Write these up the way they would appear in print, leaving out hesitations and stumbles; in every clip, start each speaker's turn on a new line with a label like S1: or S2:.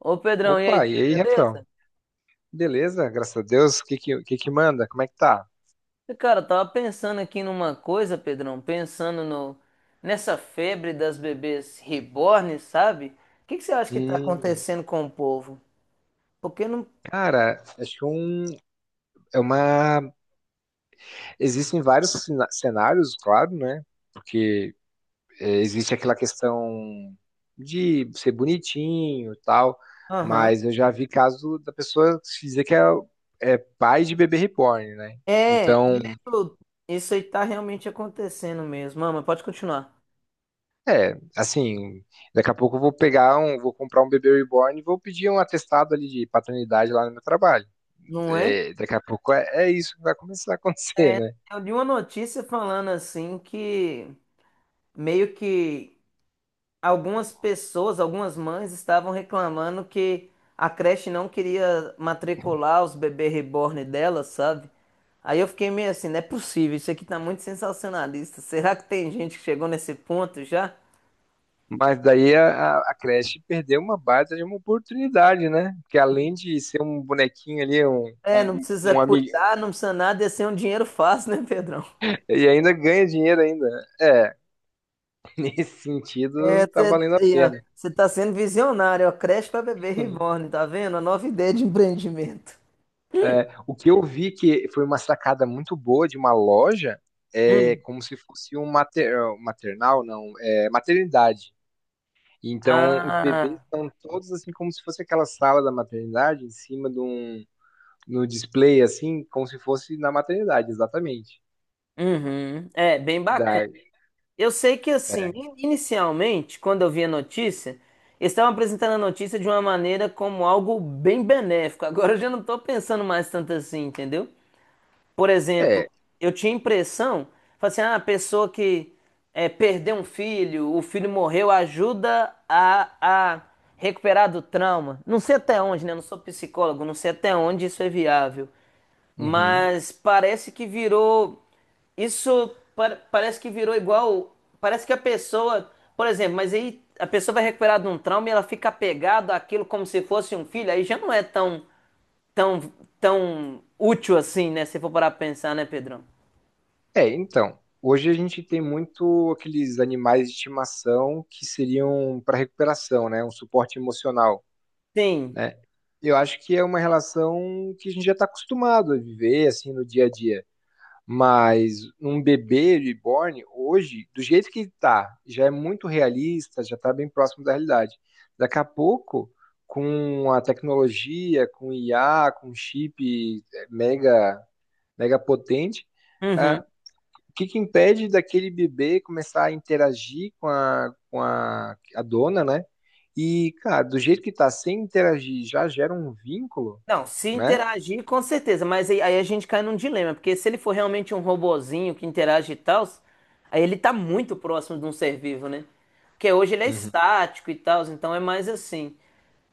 S1: Ô Pedrão, e aí,
S2: Opa, e
S1: tudo
S2: aí, Refrão?
S1: beleza?
S2: Beleza, graças a Deus. Que que manda? Como é que tá?
S1: Eu tava pensando aqui numa coisa, Pedrão, pensando no nessa febre das bebês reborn, sabe? O que que você acha que tá
S2: Hum,
S1: acontecendo com o povo? Porque não.
S2: cara, acho que um, é uma. Existem vários cenários, claro, né? Porque existe aquela questão de ser bonitinho e tal,
S1: Aham.
S2: mas eu já vi caso da pessoa se dizer que é pai de bebê reborn, né?
S1: É,
S2: Então,
S1: isso, isso aí tá realmente acontecendo mesmo. Mama, pode continuar.
S2: assim, daqui a pouco eu vou pegar um, vou comprar um bebê reborn e vou pedir um atestado ali de paternidade lá no meu trabalho.
S1: Não é?
S2: Daqui a pouco é isso que vai começar a acontecer,
S1: É,
S2: né?
S1: eu li uma notícia falando assim que meio que algumas pessoas, algumas mães estavam reclamando que a creche não queria matricular os bebês reborn dela, sabe? Aí eu fiquei meio assim, não é possível, isso aqui tá muito sensacionalista. Será que tem gente que chegou nesse ponto já?
S2: Mas daí a creche perdeu uma baita de uma oportunidade, né? Porque além de ser um bonequinho ali,
S1: É, não
S2: um,
S1: precisa
S2: um amigo,
S1: cuidar, não precisa nada, ia ser um dinheiro fácil, né, Pedrão?
S2: e ainda ganha dinheiro ainda. É, nesse
S1: É,
S2: sentido, tá valendo a pena.
S1: você tá sendo visionário, ó, creche para bebê reborn, tá vendo? A nova ideia de empreendimento.
S2: É, o que eu vi que foi uma sacada muito boa de uma loja, é
S1: Hum.
S2: como se fosse um maternal, não, é maternidade. Então, os bebês
S1: Ah,
S2: estão todos assim como se fosse aquela sala da maternidade em cima de um no display, assim, como se fosse na maternidade, exatamente.
S1: uhum. É, bem bacana.
S2: Da...
S1: Eu sei que assim, inicialmente, quando eu vi a notícia, eles estavam apresentando a notícia de uma maneira como algo bem benéfico. Agora eu já não estou pensando mais tanto assim, entendeu? Por exemplo,
S2: É,
S1: eu tinha impressão, falei assim, ah, a pessoa que é, perdeu um filho, o filho morreu, ajuda a recuperar do trauma. Não sei até onde, né? Eu não sou psicólogo, não sei até onde isso é viável.
S2: uhum.
S1: Mas parece que virou. Isso parece que virou igual. Parece que a pessoa. Por exemplo, mas aí a pessoa vai recuperar de um trauma e ela fica apegada àquilo como se fosse um filho. Aí já não é tão, tão, tão útil assim, né? Se for parar pra pensar, né, Pedrão?
S2: É, então. Hoje a gente tem muito aqueles animais de estimação que seriam para recuperação, né? Um suporte emocional,
S1: Sim.
S2: né? Eu acho que é uma relação que a gente já está acostumado a viver, assim, no dia a dia. Mas um bebê reborn, hoje, do jeito que tá, já é muito realista, já tá bem próximo da realidade. Daqui a pouco, com a tecnologia, com IA, com chip mega potente,
S1: Uhum.
S2: ah, o que que impede daquele bebê começar a interagir com a dona, né? E, cara, do jeito que tá, sem interagir, já gera um vínculo,
S1: Não, se
S2: né?
S1: interagir, com certeza, mas aí a gente cai num dilema, porque se ele for realmente um robozinho que interage e tal, aí ele tá muito próximo de um ser vivo, né? Porque hoje ele é
S2: Uhum.
S1: estático e tal, então é mais assim.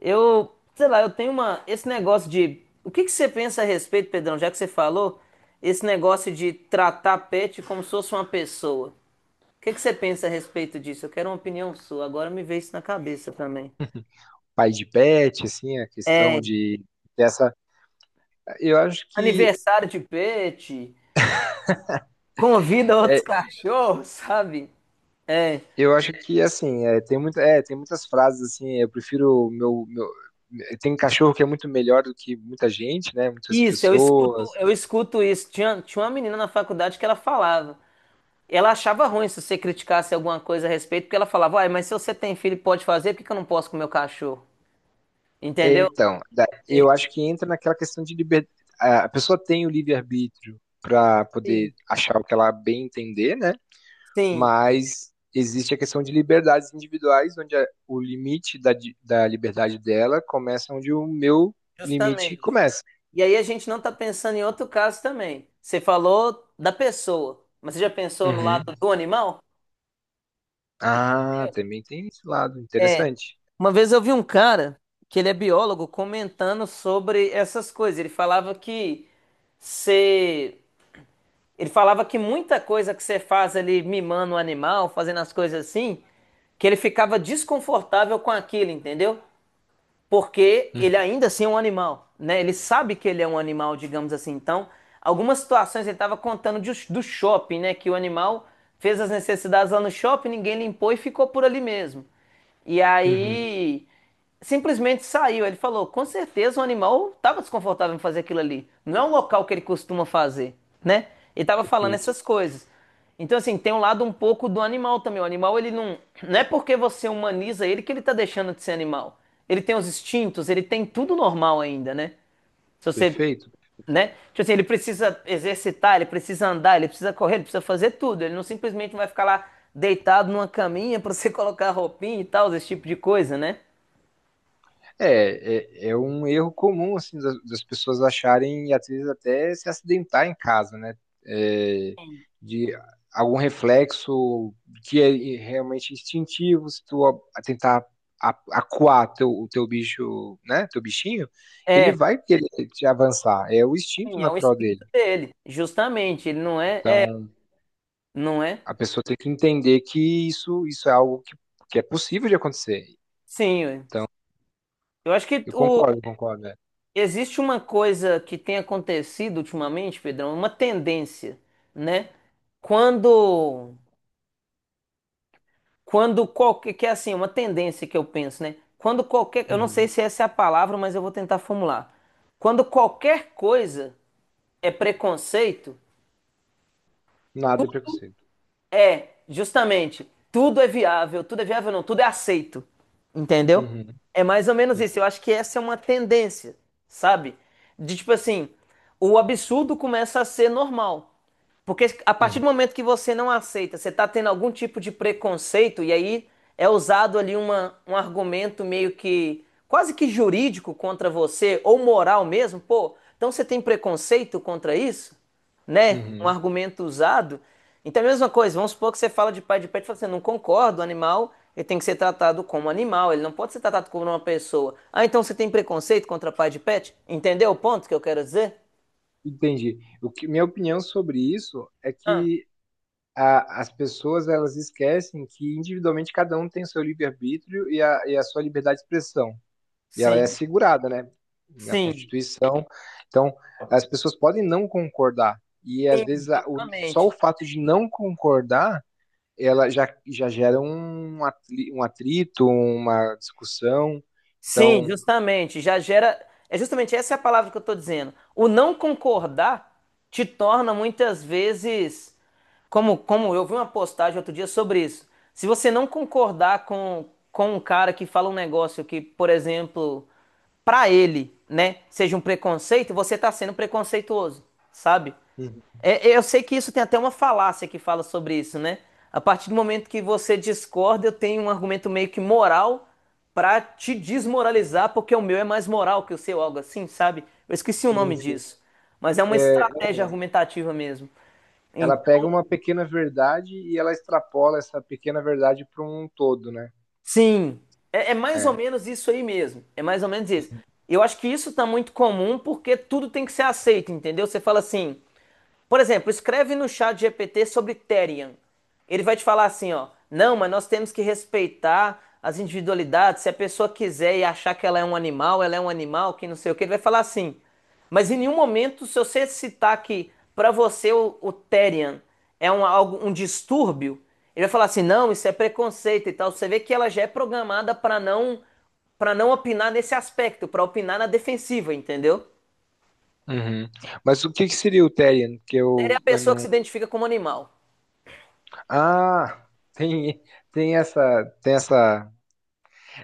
S1: Eu, sei lá, eu tenho uma. Esse negócio de. O que que você pensa a respeito, Pedrão, já que você falou, esse negócio de tratar pet como se fosse uma pessoa. O que que você pensa a respeito disso? Eu quero uma opinião sua, agora me veio isso na cabeça também.
S2: Pai de pet, assim, a questão de dessa Eu acho que
S1: Aniversário de pet. Convida outros
S2: é,
S1: cachorros, sabe? É.
S2: eu acho que assim, tem muito, tem muitas frases assim, eu prefiro o meu, tem cachorro que é muito melhor do que muita gente, né? Muitas
S1: Isso,
S2: pessoas.
S1: eu escuto isso. Tinha uma menina na faculdade que ela falava. Ela achava ruim se você criticasse alguma coisa a respeito, porque ela falava, uai, mas se você tem filho e pode fazer, por que que eu não posso com o meu cachorro?
S2: É,
S1: Entendeu?
S2: então,
S1: É,
S2: eu acho que entra naquela questão de liberdade. A pessoa tem o livre-arbítrio para poder
S1: sim,
S2: achar o que ela bem entender, né?
S1: sim,
S2: Mas existe a questão de liberdades individuais, onde o limite da liberdade dela começa onde o meu limite
S1: justamente.
S2: começa.
S1: E aí a gente não tá pensando em outro caso também. Você falou da pessoa, mas você já pensou no lado do animal?
S2: Ah,
S1: Entendeu?
S2: também tem esse lado,
S1: É,
S2: interessante.
S1: uma vez eu vi um cara, que ele é biólogo, comentando sobre essas coisas. Ele falava que você. Ele falava que muita coisa que você faz ali mimando o animal, fazendo as coisas assim, que ele ficava desconfortável com aquilo, entendeu? Porque
S2: Hum,
S1: ele ainda assim é um animal, né? Ele sabe que ele é um animal, digamos assim. Então, algumas situações ele estava contando do shopping, né? Que o animal fez as necessidades lá no shopping, ninguém limpou e ficou por ali mesmo. E
S2: Uhum,
S1: aí simplesmente saiu. Ele falou: com certeza o animal estava desconfortável em fazer aquilo ali. Não é um local que ele costuma fazer, né? Ele estava falando
S2: perfeito,
S1: essas coisas. Então, assim, tem um lado um pouco do animal também. O animal, ele não. Não é porque você humaniza ele que ele tá deixando de ser animal. Ele tem os instintos, ele tem tudo normal ainda, né? Se você.
S2: perfeito.
S1: Né? Tipo assim, ele precisa exercitar, ele precisa andar, ele precisa correr, ele precisa fazer tudo. Ele não simplesmente vai ficar lá deitado numa caminha pra você colocar roupinha e tal, esse tipo de coisa, né?
S2: É um erro comum, assim, das pessoas acharem e às vezes até se acidentar em casa, né? É, de algum reflexo que é realmente instintivo, se tu tentar acuar teu, o teu bicho, né? Teu bichinho, ele
S1: É,
S2: vai querer te avançar, é o instinto
S1: sim, é o
S2: natural dele.
S1: instinto dele. Justamente, ele não é. É,
S2: Então,
S1: não é?
S2: a pessoa tem que entender que isso é algo que é possível de acontecer.
S1: Sim, ué. Eu acho que o
S2: Concordo. É.
S1: Existe uma coisa que tem acontecido ultimamente, Pedrão, uma tendência, né? Quando, quando qualquer, que é assim, uma tendência que eu penso, né? Quando qualquer, eu não sei
S2: Uhum.
S1: se essa é a palavra, mas eu vou tentar formular. Quando qualquer coisa é preconceito,
S2: Nada é preconceito.
S1: é justamente tudo é viável não, tudo é aceito, entendeu?
S2: Uhum.
S1: É mais ou menos
S2: Sim.
S1: isso. Eu acho que essa é uma tendência, sabe? De tipo assim, o absurdo começa a ser normal. Porque a partir
S2: Uhum.
S1: do momento que você não aceita, você está tendo algum tipo de preconceito, e aí é usado ali um argumento meio que quase que jurídico contra você, ou moral mesmo, pô, então você tem preconceito contra isso? Né? Um
S2: Uhum.
S1: argumento usado. Então é a mesma coisa, vamos supor que você fala de pai de pet, você não concorda? O animal, ele tem que ser tratado como animal, ele não pode ser tratado como uma pessoa. Ah, então você tem preconceito contra pai de pet? Entendeu o ponto que eu quero dizer?
S2: Entendi. Minha opinião sobre isso é
S1: Ah,
S2: que as pessoas elas esquecem que individualmente cada um tem o seu livre-arbítrio e a sua liberdade de expressão. E ela é
S1: sim,
S2: assegurada, né? Na
S1: sim.
S2: Constituição. Então, as pessoas podem não concordar. E às vezes
S1: Sim,
S2: só o
S1: justamente.
S2: fato de não concordar já gera um atrito, uma discussão.
S1: Sim,
S2: Então,
S1: justamente. Já gera. É justamente essa é a palavra que eu estou dizendo. O não concordar te torna muitas vezes. Como, como eu vi uma postagem outro dia sobre isso. Se você não concordar com um cara que fala um negócio que, por exemplo, para ele, né, seja um preconceito, você está sendo preconceituoso, sabe?
S2: uhum.
S1: Eu sei que isso tem até uma falácia que fala sobre isso, né? A partir do momento que você discorda, eu tenho um argumento meio que moral pra te desmoralizar, porque o meu é mais moral que o seu, algo assim, sabe? Eu esqueci o
S2: Sim,
S1: nome
S2: sim.
S1: disso. Mas é uma
S2: É,
S1: estratégia argumentativa mesmo.
S2: ela
S1: Então,
S2: pega uma pequena verdade e ela extrapola essa pequena verdade para um todo, né?
S1: sim, é, é mais ou
S2: É.
S1: menos isso aí mesmo. É mais ou menos isso.
S2: Uhum.
S1: Eu acho que isso tá muito comum porque tudo tem que ser aceito, entendeu? Você fala assim. Por exemplo, escreve no chat GPT sobre Therian. Ele vai te falar assim, ó, não, mas nós temos que respeitar as individualidades. Se a pessoa quiser e achar que ela é um animal, ela é um animal, que não sei o que, ele vai falar assim. Mas em nenhum momento, se você citar que para você o Therian é um, um distúrbio, ele vai falar assim, não, isso é preconceito e tal. Você vê que ela já é programada para não opinar nesse aspecto, para opinar na defensiva, entendeu?
S2: Uhum. Mas o que que seria o Therian?
S1: Therian é a
S2: Eu
S1: pessoa que
S2: não.
S1: se identifica como animal.
S2: Ah, tem, tem essa.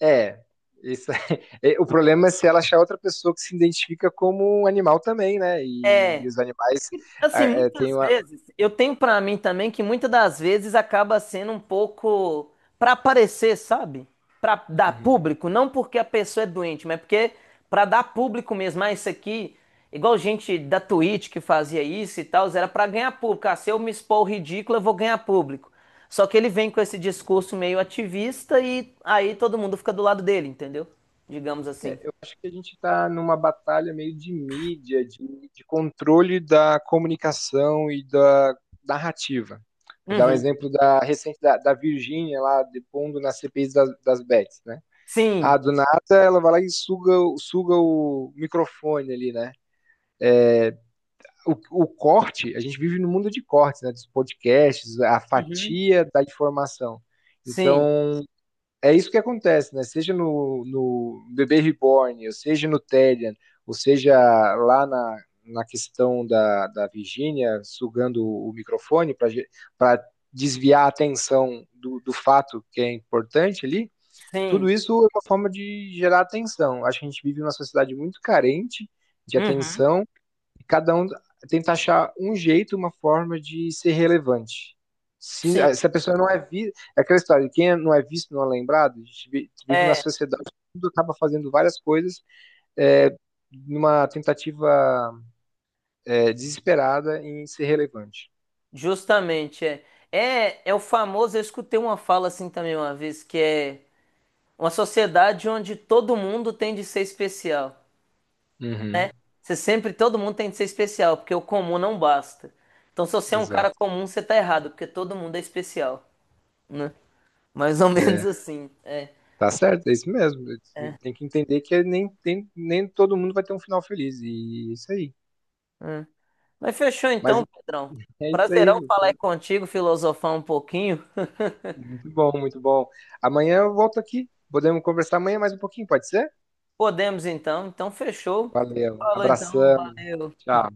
S2: É, isso, é, o problema é se ela achar outra pessoa que se identifica como um animal também, né? E
S1: É,
S2: os animais ah,
S1: assim,
S2: têm
S1: muitas
S2: uma.
S1: vezes, eu tenho pra mim também que muitas das vezes acaba sendo um pouco pra aparecer, sabe? Pra dar
S2: Uhum.
S1: público, não porque a pessoa é doente, mas porque pra dar público mesmo. Ah, isso aqui, igual gente da Twitch que fazia isso e tal, era pra ganhar público. Ah, se eu me expor ridículo, eu vou ganhar público. Só que ele vem com esse discurso meio ativista e aí todo mundo fica do lado dele, entendeu? Digamos assim.
S2: Eu acho que a gente está numa batalha meio de mídia, de controle da comunicação e da narrativa. Vou dar um
S1: Uhum.
S2: exemplo da recente da Virgínia lá depondo na CPI das bets, né? Ah,
S1: Sim.
S2: do nada ela vai lá e suga, suga o microfone ali, né? O, o corte, a gente vive no mundo de cortes, né? Dos podcasts, a
S1: Uhum.
S2: fatia da informação.
S1: Sim.
S2: Então, é isso que acontece, né? Seja no Bebê Reborn, ou seja no Telian, ou seja lá na questão da Virginia sugando o microfone para desviar a atenção do fato que é importante ali, tudo
S1: Sim.
S2: isso é uma forma de gerar atenção. Acho que a gente vive numa sociedade muito carente de
S1: Uhum.
S2: atenção e cada um tenta achar um jeito, uma forma de ser relevante.
S1: Sim.
S2: Se a pessoa não é vista. É aquela história, quem não é visto não é lembrado, a gente vive na
S1: É,
S2: sociedade, tudo acaba fazendo várias coisas é, numa tentativa desesperada em ser relevante.
S1: justamente, é. É, é o famoso, eu escutei uma fala assim também uma vez, que é uma sociedade onde todo mundo tem de ser especial,
S2: Uhum,
S1: né? Você sempre, todo mundo tem de ser especial, porque o comum não basta. Então, se você é um cara
S2: exato.
S1: comum, você tá errado, porque todo mundo é especial, né? Mais ou menos
S2: É,
S1: assim, é.
S2: tá certo, é isso mesmo. Tem que entender que nem todo mundo vai ter um final feliz. E é isso aí.
S1: É. Mas fechou
S2: Mas
S1: então, Pedrão.
S2: é isso aí.
S1: Prazerão falar aí contigo, filosofar um pouquinho.
S2: Muito bom, muito bom. Amanhã eu volto aqui. Podemos conversar amanhã mais um pouquinho, pode ser?
S1: Podemos então, então fechou.
S2: Valeu.
S1: Falou então,
S2: Abração.
S1: valeu.
S2: Tchau.